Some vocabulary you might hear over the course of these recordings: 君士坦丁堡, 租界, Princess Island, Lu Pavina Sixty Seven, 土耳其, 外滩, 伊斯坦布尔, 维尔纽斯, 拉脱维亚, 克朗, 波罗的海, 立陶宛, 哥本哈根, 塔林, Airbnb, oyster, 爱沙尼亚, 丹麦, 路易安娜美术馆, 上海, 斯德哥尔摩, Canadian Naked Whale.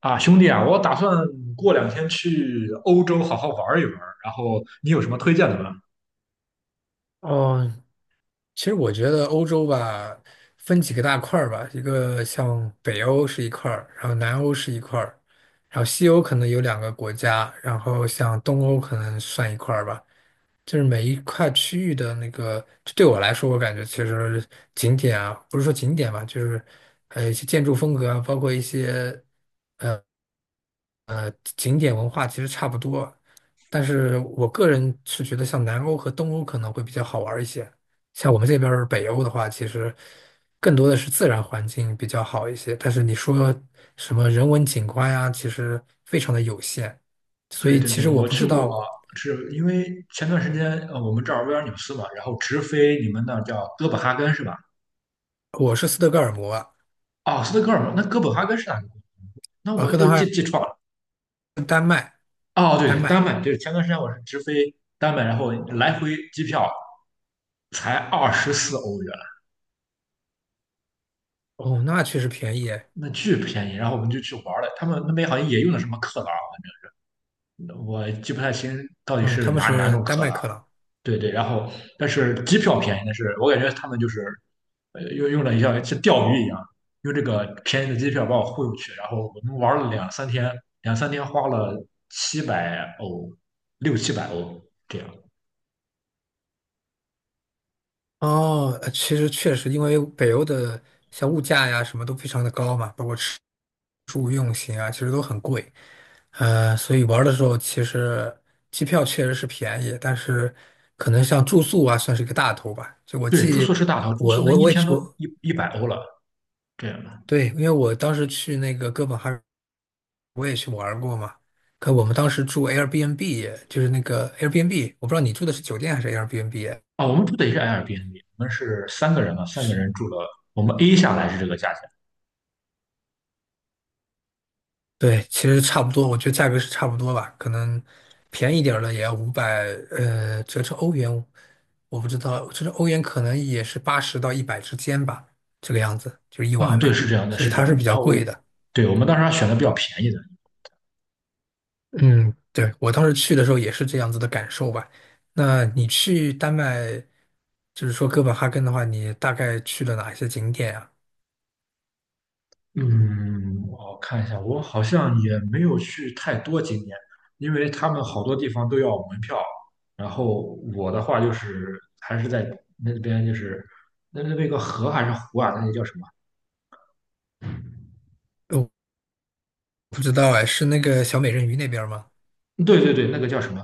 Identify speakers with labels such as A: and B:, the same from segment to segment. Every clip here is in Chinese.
A: 啊，兄弟啊，我打算过两天去欧洲好好玩一玩，然后你有什么推荐的吗？
B: 哦，其实我觉得欧洲吧，分几个大块儿吧，一个像北欧是一块儿，然后南欧是一块儿，然后西欧可能有两个国家，然后像东欧可能算一块儿吧。就是每一块区域的那个，就对我来说，我感觉其实景点啊，不是说景点吧，就是还有一些建筑风格啊，包括一些。呃景点文化其实差不多，但是我个人是觉得像南欧和东欧可能会比较好玩儿一些。像我们这边儿北欧的话，其实更多的是自然环境比较好一些，但是你说什么人文景观呀，其实非常的有限。所
A: 对
B: 以
A: 对
B: 其
A: 对，
B: 实我
A: 我
B: 不
A: 去
B: 知
A: 过，
B: 道，
A: 是因为前段时间我们这儿维尔纽斯嘛，然后直飞你们那儿叫哥本哈根是吧？
B: 我是斯德哥尔摩啊，
A: 哦，斯德哥尔摩，那哥本哈根是哪个国家？那
B: 哥
A: 我
B: 本
A: 就
B: 哈
A: 记错了。
B: 根丹麦。
A: 哦，对
B: 丹
A: 对丹
B: 麦。
A: 麦，对，前段时间我是直飞丹麦，然后来回机票才24欧元，
B: 哦，那确实便宜耶。
A: 那巨便宜。然后我们就去玩了，他们那边好像也用的什么克朗，我记不太清到底
B: 嗯，
A: 是
B: 他们
A: 哪
B: 是
A: 种
B: 丹
A: 克
B: 麦
A: 朗。
B: 克朗。
A: 对对，然后但是机票便宜，但是我感觉他们就是用了一下像钓鱼一样，用这个便宜的机票把我忽悠去，然后我们玩了两三天，两三天花了七百欧，六七百欧这样。
B: 哦，其实确实，因为北欧的像物价呀什么都非常的高嘛，包括吃住用行啊，其实都很贵。所以玩儿的时候其实机票确实是便宜，但是可能像住宿啊算是一个大头吧。就我
A: 对，住宿
B: 记，
A: 是大头，住
B: 我
A: 宿那
B: 我
A: 一
B: 我也
A: 天
B: 去
A: 都
B: 我
A: 一百欧了这样的。
B: 对，因为我当时去那个哥本哈根，我也去玩儿过嘛。可我们当时住 Airbnb，就是那个 Airbnb，我不知道你住的是酒店还是 Airbnb。
A: 啊，我们住的也是 Airbnb,我们是三个人嘛，三个人住了，我们 A 下来是这个价钱。
B: 对，其实差不多，我觉得价格是差不多吧，可能便宜点儿的也要500，折成欧元，我不知道，折成欧元可能也是80到100之间吧，这个样子，就是一
A: 啊，
B: 晚
A: 对，
B: 了，
A: 是这样的，
B: 所以
A: 是这
B: 它
A: 样
B: 是
A: 的。
B: 比
A: 然
B: 较
A: 后，
B: 贵的。
A: 对，我们当时还选的比较便宜的。
B: 嗯，对，我当时去的时候也是这样子的感受吧。那你去丹麦，就是说哥本哈根的话，你大概去了哪一些景点啊？
A: 嗯，我看一下，我好像也没有去太多景点，因为他们好多地方都要门票。然后我的话就是还是在那边，就是那边有个河还是湖啊？那个叫什么？
B: 我不知道哎，是那个小美人鱼那边儿吗？
A: 对对对，那个叫什么？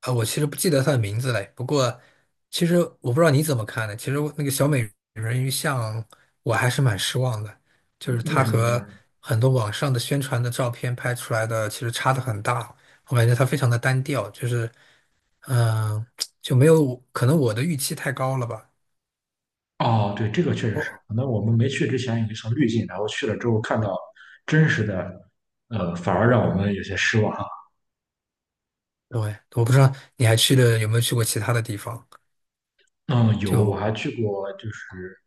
B: 啊，我其实不记得它的名字嘞。不过，其实我不知道你怎么看的。其实我那个小美人鱼像，我还是蛮失望的，就是
A: 为
B: 它
A: 什么
B: 和
A: 呢？
B: 很多网上的宣传的照片拍出来的其实差的很大。我感觉它非常的单调，就是，嗯、就没有，可能我的预期太高了吧。
A: 哦，对，这个确实
B: 哦，
A: 是，可能我们没去之前有一层滤镜，然后去了之后看到真实的，反而让我们有些失望。
B: 对，我不知道你还去了有没有去过其他的地方，
A: 嗯，有，我
B: 就
A: 还去过，就是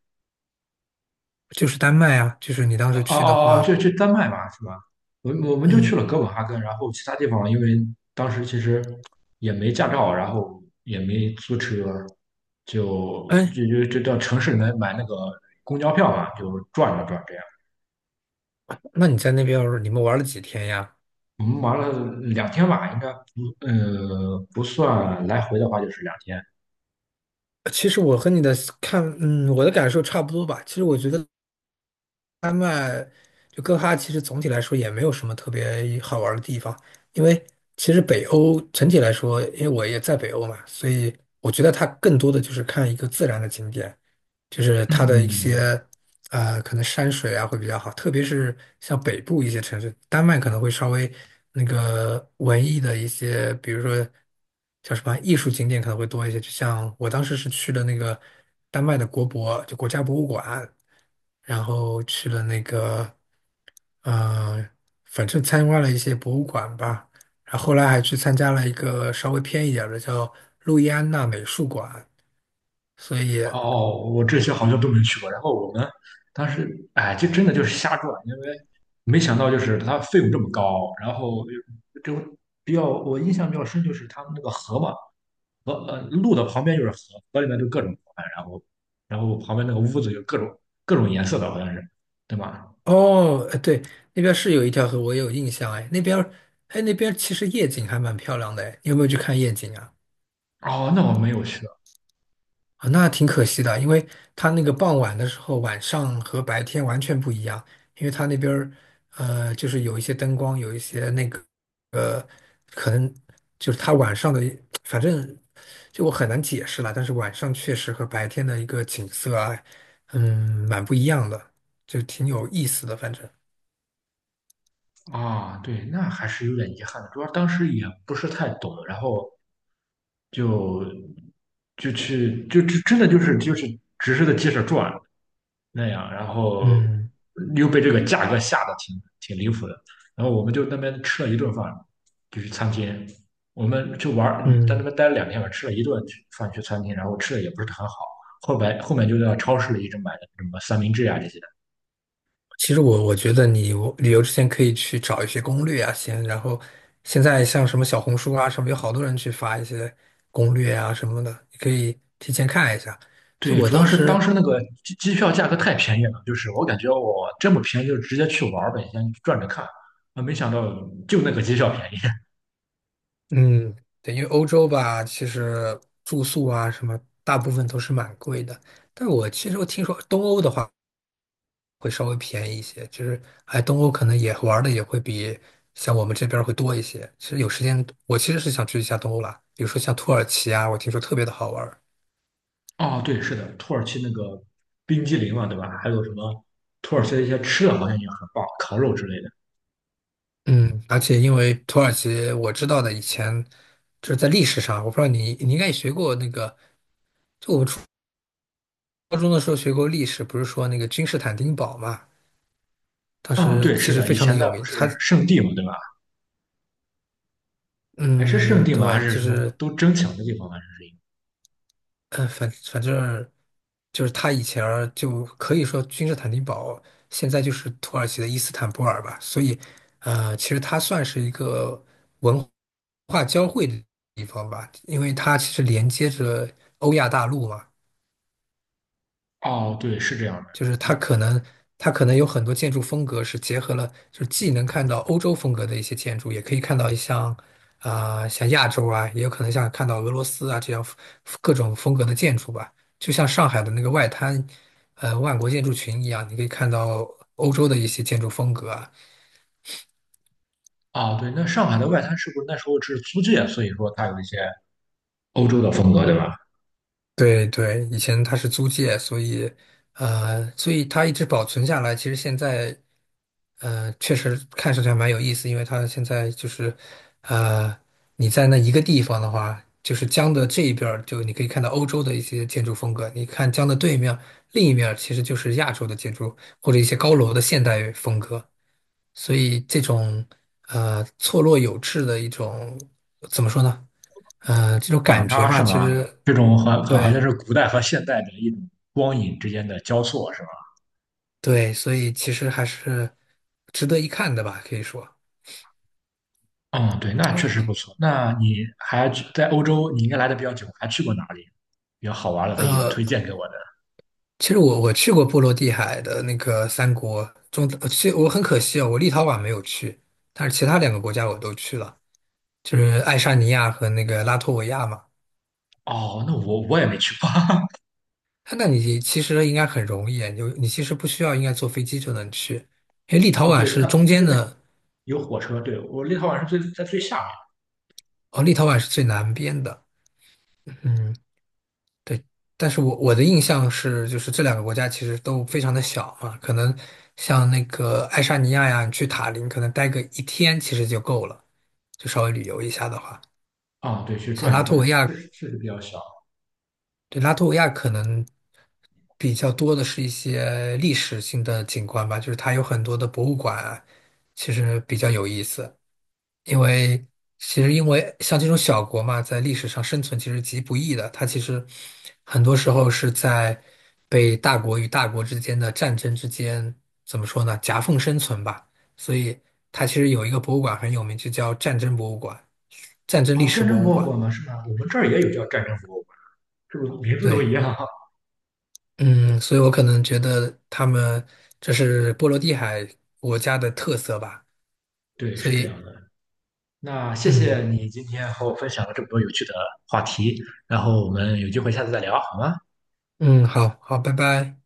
B: 就是丹麦啊，就是你当
A: 哦
B: 时去的
A: 哦哦，
B: 话，
A: 就去丹麦嘛，是吧？我们就
B: 嗯，
A: 去了哥本哈根，然后其他地方因为当时其实也没驾照，然后也没租车，就
B: 哎，
A: 就就就到城市里面买那个公交票嘛，就转了转这样。
B: 那你在那边儿你们玩了几天呀？
A: 我们玩了两天吧，应该不算来回的话就是两天。
B: 其实我和你的我的感受差不多吧。其实我觉得，丹麦就哥哈，其实总体来说也没有什么特别好玩儿的地方，因为其实北欧整体来说，因为我也在北欧嘛，所以我觉得它更多的就是看一个自然的景点，就是它的一
A: 嗯，
B: 些可能山水啊会比较好，特别是像北部一些城市，丹麦可能会稍微那个文艺的一些，比如说叫什么艺术景点可能会多一些，就像我当时是去了那个丹麦的国博，就国家博物馆。然后去了那个，呃，反正参观了一些博物馆吧，然后后来还去参加了一个稍微偏一点儿的叫路易安娜美术馆，所以
A: 哦，我这些好像都没去过。然后我们当时，哎，就真的就是瞎转，因为没想到就是它费用这么高。然后就就比较我印象比较深就是他们那个河嘛，路的旁边就是河，河里面就各种河，然后旁边那个屋子有各种颜色的，好像是，对吧？
B: 哦，对，那边是有一条河，我也有印象，哎，那边儿，哎，那边其实夜景还蛮漂亮的，哎，你有没有去看夜景啊？
A: 哦，那我没有去。
B: 啊，那挺可惜的，因为它那个傍晚的时候，晚上和白天完全不一样，因为它那边儿，就是有一些灯光，有一些那个。可能就是他晚上的，反正就我很难解释了。但是晚上确实和白天的一个景色啊，蛮不一样的，就挺有意思的。反正，
A: 啊，对，那还是有点遗憾的，主要当时也不是太懂，然后就去真的就是只是在街上转。那样，然后
B: 嗯
A: 又被这个价格吓得挺离谱的。然后我们就那边吃了一顿饭，就是餐厅，我们就玩儿，在那
B: 嗯，
A: 边待了两天吧，吃了一顿饭去餐厅，然后吃的也不是很好。后来后面就在超市里一直买的什么三明治啊这些。
B: 其实我觉得你我旅游之前可以去找一些攻略啊，先，然后现在像什么小红书啊什么，有好多人去发一些攻略啊什么的，你可以提前看一下。就
A: 对，
B: 我
A: 主要
B: 当
A: 是当时
B: 时。
A: 那个机票价格太便宜了，就是我感觉我这么便宜就直接去玩儿呗，先转着看。啊，没想到就那个机票便宜。
B: 嗯，对，因为欧洲吧，其实住宿啊什么，大部分都是蛮贵的。但我其实我听说东欧的话会稍微便宜一些，就是哎，东欧可能也玩的也会比像我们这边儿会多一些。其实有时间，我其实是想去一下东欧啦，比如说像土耳其啊，我听说特别的好玩儿
A: 哦，对，是的，土耳其那个冰激凌嘛，对吧？还有什么土耳其的一些吃的，好像也很棒，烤肉之类的。
B: 嗯，而且因为土耳其，我知道的以前就是在历史上，我不知道你应该也学过那个高中的时候学过历史，不是说那个君士坦丁堡嘛？当
A: 嗯，
B: 时
A: 对，
B: 其
A: 是
B: 实
A: 的，
B: 非
A: 以
B: 常的
A: 前那
B: 有
A: 不
B: 名，
A: 是圣地嘛，对吧？还是圣地嘛，还
B: 对，
A: 是
B: 就
A: 什么
B: 是，
A: 都争抢的地方吗？还是一
B: 反正就是他以前儿就可以说君士坦丁堡，现在就是土耳其的伊斯坦布尔吧，所以，其实它算是一个文化交汇的地方吧，因为它其实连接着欧亚大陆嘛，
A: 个。哦，对，是这样的。
B: 就是它
A: 嗯，
B: 可能它可能有很多建筑风格是结合了，就是既能看到欧洲风格的一些建筑，也可以看到像亚洲啊，也有可能像看到俄罗斯啊这样各种风格的建筑吧。就像上海的那个外滩，万国建筑群一样，你可以看到欧洲的一些建筑风格啊，
A: 哦，对，那上海的外滩是不是那时候是租界？所以说它有一些欧洲的风格，对吧？
B: 对对，以前它是租界，所以它一直保存下来。其实现在确实看上去还蛮有意思，因为它现在就是呃，你在那一个地方的话，就是江的这一边儿就你可以看到欧洲的一些建筑风格；你看江的对面，另一面儿其实就是亚洲的建筑或者一些高楼的现代风格。所以这种错落有致的一种怎么说呢？这种
A: 反
B: 感觉
A: 差
B: 吧，
A: 是
B: 其
A: 吗？
B: 实
A: 这种好像
B: 对。
A: 是古代和现代的一种光影之间的交错，是吧？
B: 对，所以其实还是值得一看的吧，可以说。
A: 嗯，对，那确实不错。那你还去在欧洲，你应该来的比较久，还去过哪里比较好玩的可以推
B: 呃，
A: 荐给我的？
B: 其实我去过波罗的海的那个三国中，其实我很可惜哦，我立陶宛没有去，但是其他两个国家我都去了，就是爱沙尼亚和那个拉脱维亚嘛。
A: 哦，那我也没去过。
B: 哎那你其实应该很容易啊，你其实不需要应该坐飞机就能去，因为立 陶
A: 哦，
B: 宛
A: 对，
B: 是
A: 它
B: 中
A: 它这
B: 间
A: 边
B: 的，
A: 有火车，对，我立陶宛是在最下面。
B: 哦，立陶宛是最南边的。嗯。对，但是我的印象是，就是这两个国家其实都非常的小嘛，可能像那个爱沙尼亚呀，你去塔林可能待个一天其实就够了，就稍微旅游一下的话，
A: 啊、对，去
B: 像
A: 转一
B: 拉脱
A: 转，
B: 维
A: 确
B: 亚，
A: 实确实比较小。
B: 对，拉脱维亚可能比较多的是一些历史性的景观吧，就是它有很多的博物馆啊其实比较有意思。因为因为像这种小国嘛，在历史上生存其实极不易的，它其实很多时候是在被大国与大国之间的战争之间，怎么说呢，夹缝生存吧。所以它其实有一个博物馆很有名，就叫战争博物馆、战争历
A: 哦，
B: 史
A: 战
B: 博
A: 争
B: 物
A: 博物
B: 馆。
A: 馆吗？是吗？我们这儿也有叫战争博物馆，是不是名字都一
B: 对，
A: 样？
B: 嗯，所以我可能觉得他们这是波罗的海国家的特色吧。
A: 对，
B: 所
A: 是这
B: 以，
A: 样的。那谢谢
B: 嗯
A: 你今天和我分享了这么多有趣的话题，然后我们有机会下次再聊，好吗？
B: 嗯，好好，拜拜。